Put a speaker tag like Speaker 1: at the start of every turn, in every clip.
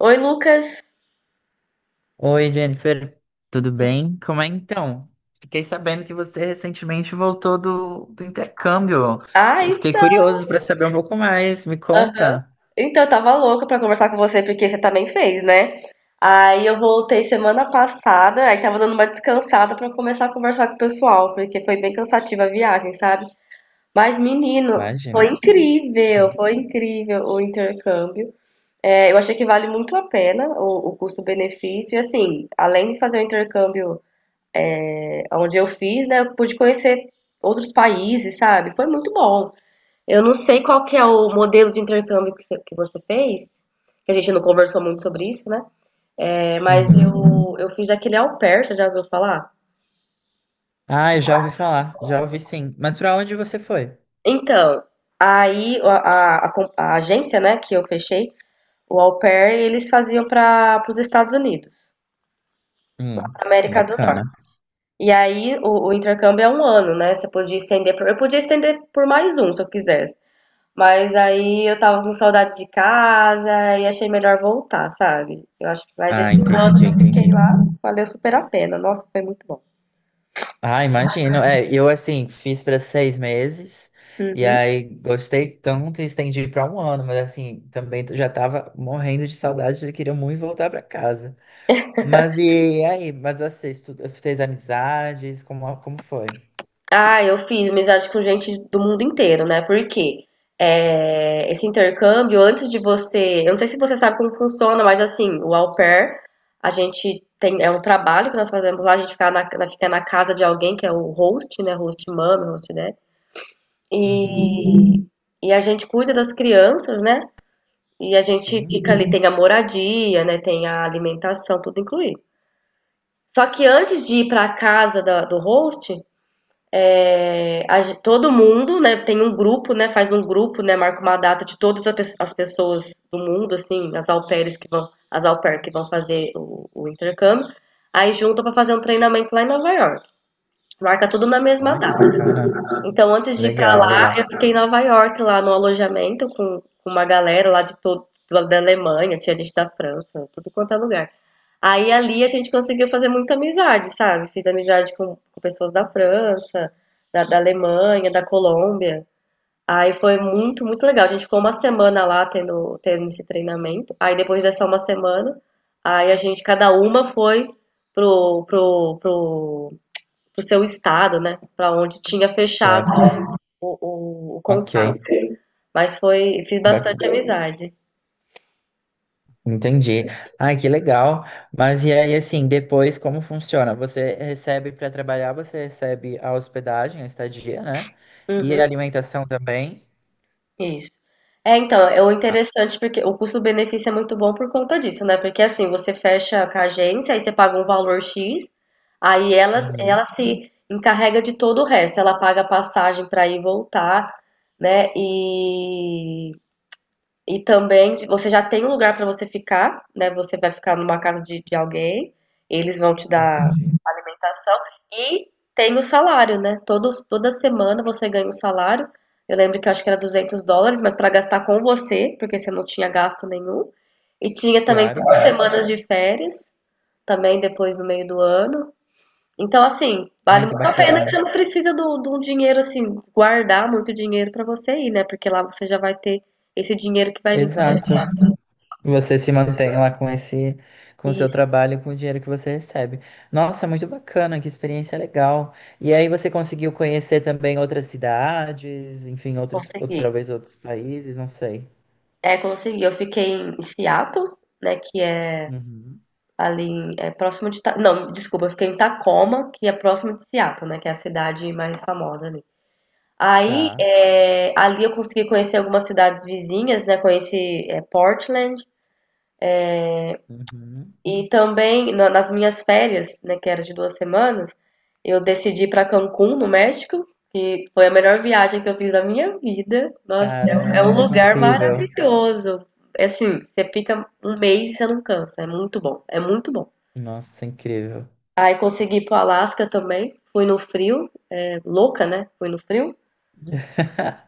Speaker 1: Oi, Lucas.
Speaker 2: Oi, Jennifer, tudo bem? Como é então? Fiquei sabendo que você recentemente voltou do intercâmbio. Eu
Speaker 1: Ai,
Speaker 2: fiquei curioso para saber um pouco mais. Me
Speaker 1: aham.
Speaker 2: conta.
Speaker 1: Então, eu tava louca pra conversar com você porque você também fez, né? Aí eu voltei semana passada, aí tava dando uma descansada pra começar a conversar com o pessoal, porque foi bem cansativa a viagem, sabe? Mas, menino,
Speaker 2: Imagina.
Speaker 1: foi incrível o intercâmbio. É, eu achei que vale muito a pena o custo-benefício. E assim, além de fazer o intercâmbio onde eu fiz, né, eu pude conhecer outros países, sabe? Foi muito bom. Eu não sei qual que é o modelo de intercâmbio que você fez, que a gente não conversou muito sobre isso, né? É, mas
Speaker 2: Uhum.
Speaker 1: eu fiz aquele au pair, você já ouviu falar?
Speaker 2: Ah, eu já ouvi falar, já ouvi sim. Mas para onde você foi?
Speaker 1: Então, aí a agência, né, que eu fechei, o au pair, eles faziam para os Estados Unidos, pra
Speaker 2: Hum,
Speaker 1: América do Norte.
Speaker 2: bacana.
Speaker 1: E aí o intercâmbio é um ano, né? Você podia estender por, eu podia estender por mais um, se eu quisesse. Mas aí eu tava com saudade de casa e achei melhor voltar, sabe? Eu acho que mais
Speaker 2: Ah,
Speaker 1: esse ano
Speaker 2: entendi,
Speaker 1: que eu fiquei
Speaker 2: entendi.
Speaker 1: lá, valeu super a pena. Nossa, foi muito bom.
Speaker 2: Ah, imagino. É, eu assim fiz para 6 meses e
Speaker 1: Uhum.
Speaker 2: aí gostei tanto e estendi para um ano, mas assim também já tava morrendo de saudade e queria muito voltar para casa. Mas e aí? Mas você estuda, fez amizades? Como foi?
Speaker 1: Ah, eu fiz amizade com gente do mundo inteiro, né? Porque esse intercâmbio, antes de você. Eu não sei se você sabe como funciona, mas assim, o au pair, a gente tem. É um trabalho que nós fazemos lá, a gente fica fica na casa de alguém, que é o host, né? Host mama, host dad.
Speaker 2: Uhum,
Speaker 1: E, e a gente cuida das crianças, né? E a gente
Speaker 2: sim.
Speaker 1: fica ali, tem a moradia, né? Tem a alimentação, tudo incluído. Só que antes de ir para a casa do host, todo mundo, né, tem um grupo, né, faz um grupo, né, marca uma data de todas as pessoas do mundo, assim, as au pairs que vão, as au pair que vão fazer o intercâmbio, aí junta para fazer um treinamento lá em Nova York. Marca tudo na mesma
Speaker 2: Ai, que
Speaker 1: data.
Speaker 2: bacana.
Speaker 1: Então, antes de ir pra
Speaker 2: Legal,
Speaker 1: lá, eu
Speaker 2: legal.
Speaker 1: fiquei em Nova York, lá no alojamento, com uma galera lá da Alemanha, tinha gente da França, tudo quanto é lugar. Aí ali a gente conseguiu fazer muita amizade, sabe? Fiz amizade com pessoas da França, da Alemanha, da Colômbia. Aí foi muito, muito legal. A gente ficou uma semana lá tendo esse treinamento. Aí depois dessa uma semana, cada uma foi pro, pro, pro, pro seu estado, né? Pra onde tinha fechado
Speaker 2: Certo.
Speaker 1: o contato.
Speaker 2: Ok.
Speaker 1: Fiz bastante
Speaker 2: Bacana.
Speaker 1: amizade.
Speaker 2: Entendi. Ai, que legal. Mas e aí, assim, depois como funciona? Você recebe para trabalhar, você recebe a hospedagem, a estadia, né? E
Speaker 1: Uhum,
Speaker 2: a alimentação também.
Speaker 1: isso. É, então, é o interessante porque o custo-benefício é muito bom por conta disso, né? Porque assim, você fecha com a agência, aí você paga um valor X, aí ela,
Speaker 2: Uhum,
Speaker 1: ela se encarrega de todo o resto. Ela paga a passagem para ir e voltar, né? E também você já tem um lugar para você ficar, né? Você vai ficar numa casa de alguém, eles vão te dar
Speaker 2: entendi.
Speaker 1: alimentação e tem o salário, né? Toda semana você ganha o salário. Eu lembro que eu acho que era US$ 200, mas para gastar com você, porque você não tinha gasto nenhum. E tinha também
Speaker 2: Claro,
Speaker 1: duas
Speaker 2: claro.
Speaker 1: semanas de férias, também depois no meio do ano. Então, assim, vale
Speaker 2: Ai, que
Speaker 1: muito a pena
Speaker 2: bacana.
Speaker 1: que você não precisa de um dinheiro, assim, guardar muito dinheiro para você ir, né? Porque lá você já vai ter esse dinheiro que vai vir para você.
Speaker 2: Exato. Você se mantém lá com esse, com o seu
Speaker 1: Isso,
Speaker 2: trabalho, e com o dinheiro que você recebe. Nossa, muito bacana, que experiência legal. E aí você conseguiu conhecer também outras cidades, enfim, outros,
Speaker 1: consegui.
Speaker 2: outra vez outros países, não sei.
Speaker 1: É, consegui. Eu fiquei em Seattle, né? Que é
Speaker 2: Uhum.
Speaker 1: ali Não, desculpa, eu fiquei em Tacoma, que é próximo de Seattle, né? Que é a cidade mais famosa ali. Aí,
Speaker 2: Tá.
Speaker 1: ali eu consegui conhecer algumas cidades vizinhas, né? Conheci Portland
Speaker 2: Uhum.
Speaker 1: e também nas minhas férias, né? Que era de 2 semanas, eu decidi ir para Cancún, no México. E foi a melhor viagem que eu fiz da minha vida. Nossa, é um
Speaker 2: Caramba, que
Speaker 1: lugar
Speaker 2: incrível.
Speaker 1: maravilhoso. É assim, você fica um mês e você não cansa. É muito bom, é muito bom.
Speaker 2: Nossa, incrível.
Speaker 1: Aí consegui ir pro Alasca também. Fui no frio, louca, né? Fui no frio.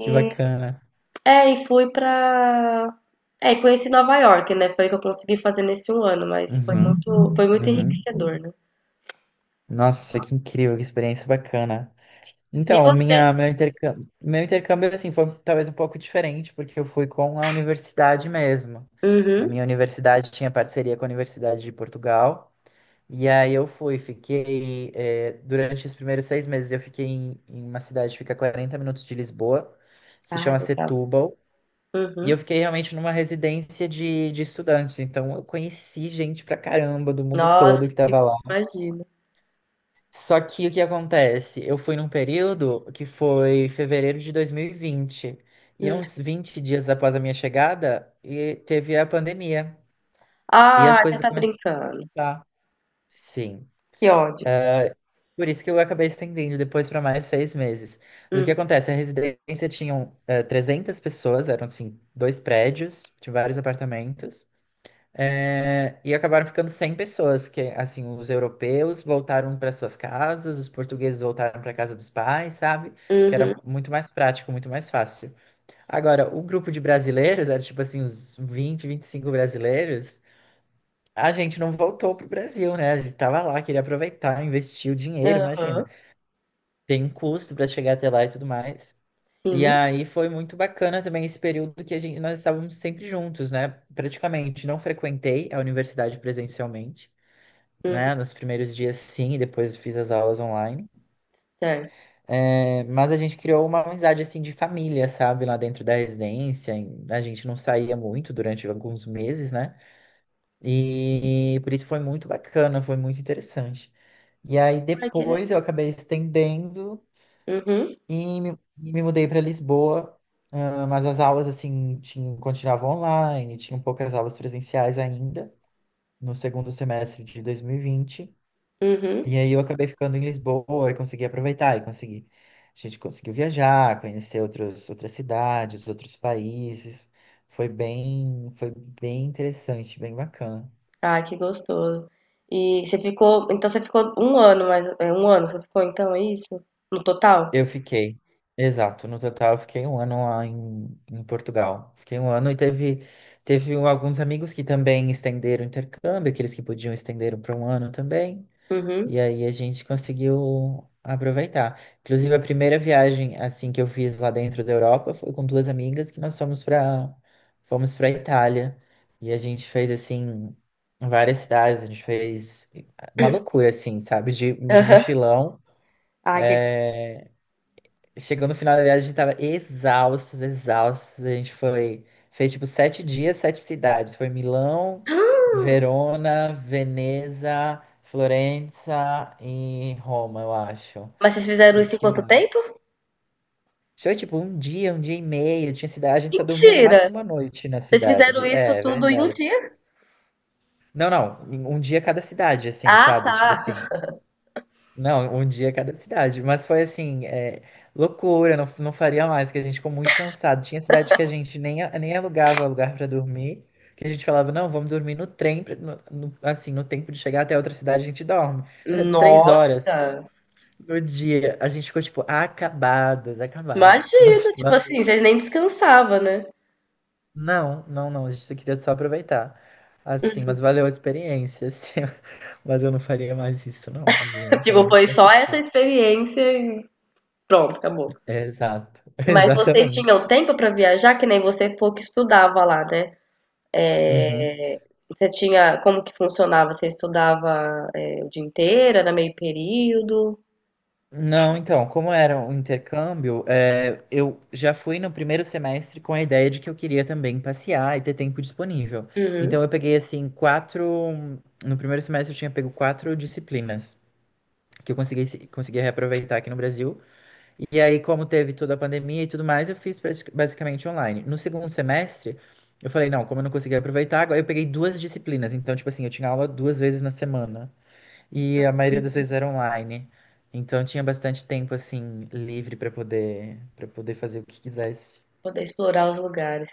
Speaker 2: Que bacana.
Speaker 1: e fui pra. É, e conheci Nova York, né? Foi o que eu consegui fazer nesse um ano, mas foi
Speaker 2: Uhum,
Speaker 1: muito, foi muito
Speaker 2: uhum.
Speaker 1: enriquecedor, né?
Speaker 2: Nossa, que incrível, que experiência bacana.
Speaker 1: E
Speaker 2: Então,
Speaker 1: você?
Speaker 2: meu intercâmbio assim foi talvez um pouco diferente, porque eu fui com a universidade mesmo. A
Speaker 1: Uhum.
Speaker 2: minha universidade tinha parceria com a Universidade de Portugal, e aí eu fui, fiquei, durante os primeiros seis meses eu fiquei em uma cidade que fica a 40 minutos de Lisboa, se
Speaker 1: Ah,
Speaker 2: chama
Speaker 1: legal.
Speaker 2: Setúbal, e
Speaker 1: Uhum.
Speaker 2: eu fiquei realmente numa residência de estudantes, então eu conheci gente pra caramba do mundo
Speaker 1: Nossa,
Speaker 2: todo que
Speaker 1: que
Speaker 2: tava lá.
Speaker 1: imagina.
Speaker 2: Só que o que acontece? Eu fui num período que foi fevereiro de 2020. E vinte. E é uns 20 dias após a minha chegada, e teve a pandemia. E as
Speaker 1: Ah, você
Speaker 2: coisas
Speaker 1: tá
Speaker 2: começaram a
Speaker 1: brincando.
Speaker 2: fechar. Sim.
Speaker 1: Que ódio.
Speaker 2: Por isso que eu acabei estendendo depois para mais 6 meses. Mas o que
Speaker 1: Uhum.
Speaker 2: acontece? A residência tinha 300 pessoas, eram assim, dois prédios, tinha vários apartamentos. É, e acabaram ficando 100 pessoas, que assim, os europeus voltaram para suas casas, os portugueses voltaram para casa dos pais, sabe? Que
Speaker 1: Uhum.
Speaker 2: era muito mais prático, muito mais fácil. Agora, o grupo de brasileiros, era tipo assim, uns 20, 25 brasileiros, a gente não voltou pro Brasil, né? A gente tava lá, queria aproveitar, investir o dinheiro, imagina.
Speaker 1: Aham.
Speaker 2: Tem um custo para chegar até lá e tudo mais. E
Speaker 1: Sim.
Speaker 2: aí foi muito bacana também esse período que a gente, nós estávamos sempre juntos, né? Praticamente não frequentei a universidade presencialmente, né?
Speaker 1: Uhum.
Speaker 2: Nos primeiros dias, sim, e depois fiz as aulas online.
Speaker 1: Certo.
Speaker 2: É, mas a gente criou uma amizade, assim, de família, sabe? Lá dentro da residência. A gente não saía muito durante alguns meses, né? E por isso foi muito bacana, foi muito interessante. E aí
Speaker 1: Ai, que legal.
Speaker 2: depois eu acabei estendendo
Speaker 1: Uhum.
Speaker 2: e me, e me mudei para Lisboa. Ah, mas as aulas, assim, tinham, continuavam online, tinham poucas aulas presenciais ainda, no segundo semestre de 2020.
Speaker 1: Uhum.
Speaker 2: E aí eu acabei ficando em Lisboa e consegui aproveitar e consegui. A gente conseguiu viajar, conhecer outros, outras cidades, outros países. Foi bem interessante, bem bacana.
Speaker 1: Ah, que gostoso. Então você ficou um ano, mas é um ano você ficou, então é isso? No total?
Speaker 2: Eu fiquei, exato, no total eu fiquei um ano lá em Portugal. Fiquei um ano e teve, teve alguns amigos que também estenderam o intercâmbio, aqueles que podiam estenderam para um ano também.
Speaker 1: Uhum.
Speaker 2: E aí a gente conseguiu aproveitar. Inclusive, a primeira viagem assim que eu fiz lá dentro da Europa foi com duas amigas que nós fomos para Itália. E a gente fez assim várias cidades, a gente fez uma loucura assim, sabe? De, de
Speaker 1: Aham.
Speaker 2: mochilão.
Speaker 1: Ah, que gostoso.
Speaker 2: É, chegou no final da viagem, a gente tava exaustos, exaustos. A gente foi, fez tipo 7 dias, sete cidades. Foi Milão, Verona, Veneza, Florença e Roma, eu acho.
Speaker 1: Mas vocês fizeram
Speaker 2: E
Speaker 1: isso em
Speaker 2: que
Speaker 1: quanto
Speaker 2: mais?
Speaker 1: tempo?
Speaker 2: Foi tipo um dia e meio. Tinha cidade, a gente só dormia no
Speaker 1: Mentira!
Speaker 2: máximo uma noite na
Speaker 1: Vocês fizeram
Speaker 2: cidade.
Speaker 1: isso
Speaker 2: É, é
Speaker 1: tudo em um
Speaker 2: verdade.
Speaker 1: dia?
Speaker 2: Não, não, um dia cada cidade, assim,
Speaker 1: Ah,
Speaker 2: sabe? Tipo
Speaker 1: tá.
Speaker 2: assim, não, um dia cada cidade. Mas foi assim, é, loucura, não, não faria mais, que a gente ficou muito cansado. Tinha cidade que a gente nem, nem alugava lugar para dormir, que a gente falava, não, vamos dormir no trem, assim, no tempo de chegar até outra cidade a gente dorme. Mas é 3 horas
Speaker 1: Nossa!
Speaker 2: no dia, a gente ficou, tipo, acabados, acabados. Mas
Speaker 1: Imagina, tipo assim,
Speaker 2: valeu.
Speaker 1: vocês nem descansavam, né?
Speaker 2: Não, não, não, a gente só queria só aproveitar. Assim, mas valeu a experiência, assim. Mas eu não faria mais isso, não. Gente, é
Speaker 1: Tipo,
Speaker 2: muito
Speaker 1: foi só essa
Speaker 2: cansativo.
Speaker 1: experiência e pronto, acabou.
Speaker 2: Exato,
Speaker 1: Mas vocês
Speaker 2: exatamente.
Speaker 1: tinham tempo pra viajar, que nem você falou que estudava lá, né?
Speaker 2: Uhum.
Speaker 1: Eh, você tinha Como que funcionava? Você estudava, o dia inteiro? Era meio período?
Speaker 2: Não, então, como era um intercâmbio, é, eu já fui no primeiro semestre com a ideia de que eu queria também passear e ter tempo disponível.
Speaker 1: Uhum.
Speaker 2: Então, eu peguei, assim, quatro. No primeiro semestre, eu tinha pego quatro disciplinas que eu consegui reaproveitar aqui no Brasil. E aí, como teve toda a pandemia e tudo mais, eu fiz basicamente online. No segundo semestre, eu falei, não, como eu não consegui aproveitar, agora eu peguei duas disciplinas. Então, tipo assim, eu tinha aula duas vezes na semana. E a maioria das vezes era online. Então tinha bastante tempo assim livre para poder fazer o que quisesse.
Speaker 1: Poder explorar os lugares.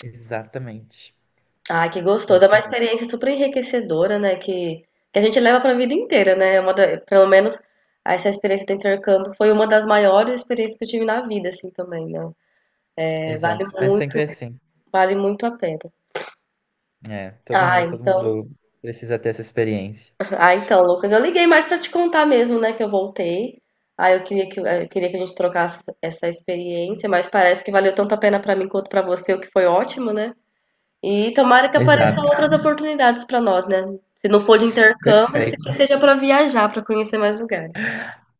Speaker 2: Exatamente.
Speaker 1: Ah, que gostoso. É
Speaker 2: Isso
Speaker 1: uma
Speaker 2: mesmo.
Speaker 1: experiência super enriquecedora, né? Que a gente leva para a vida inteira, né? É pelo menos essa experiência do intercâmbio foi uma das maiores experiências que eu tive na vida, assim, também, né? É, vale
Speaker 2: Exato. É
Speaker 1: muito,
Speaker 2: sempre assim.
Speaker 1: vale muito a pena.
Speaker 2: É,
Speaker 1: Ah,
Speaker 2: todo
Speaker 1: então.
Speaker 2: mundo precisa ter essa experiência.
Speaker 1: Ah, então, Lucas, eu liguei mais pra te contar mesmo, né, que eu voltei. Ah, eu queria que a gente trocasse essa experiência, mas parece que valeu tanto a pena pra mim quanto pra você, o que foi ótimo, né? E tomara que apareçam
Speaker 2: Exato.
Speaker 1: outras oportunidades pra nós, né? Se não for de intercâmbio, se
Speaker 2: Perfeito.
Speaker 1: que seja pra viajar, pra conhecer mais lugares.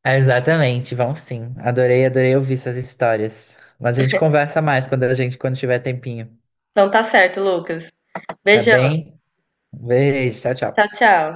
Speaker 2: É, exatamente. Vão sim. Adorei, adorei ouvir essas histórias. Mas a gente conversa mais quando a gente quando tiver tempinho,
Speaker 1: Então tá certo, Lucas.
Speaker 2: tá
Speaker 1: Beijão.
Speaker 2: bem? Um beijo, tchau,
Speaker 1: Tchau,
Speaker 2: tchau.
Speaker 1: tchau.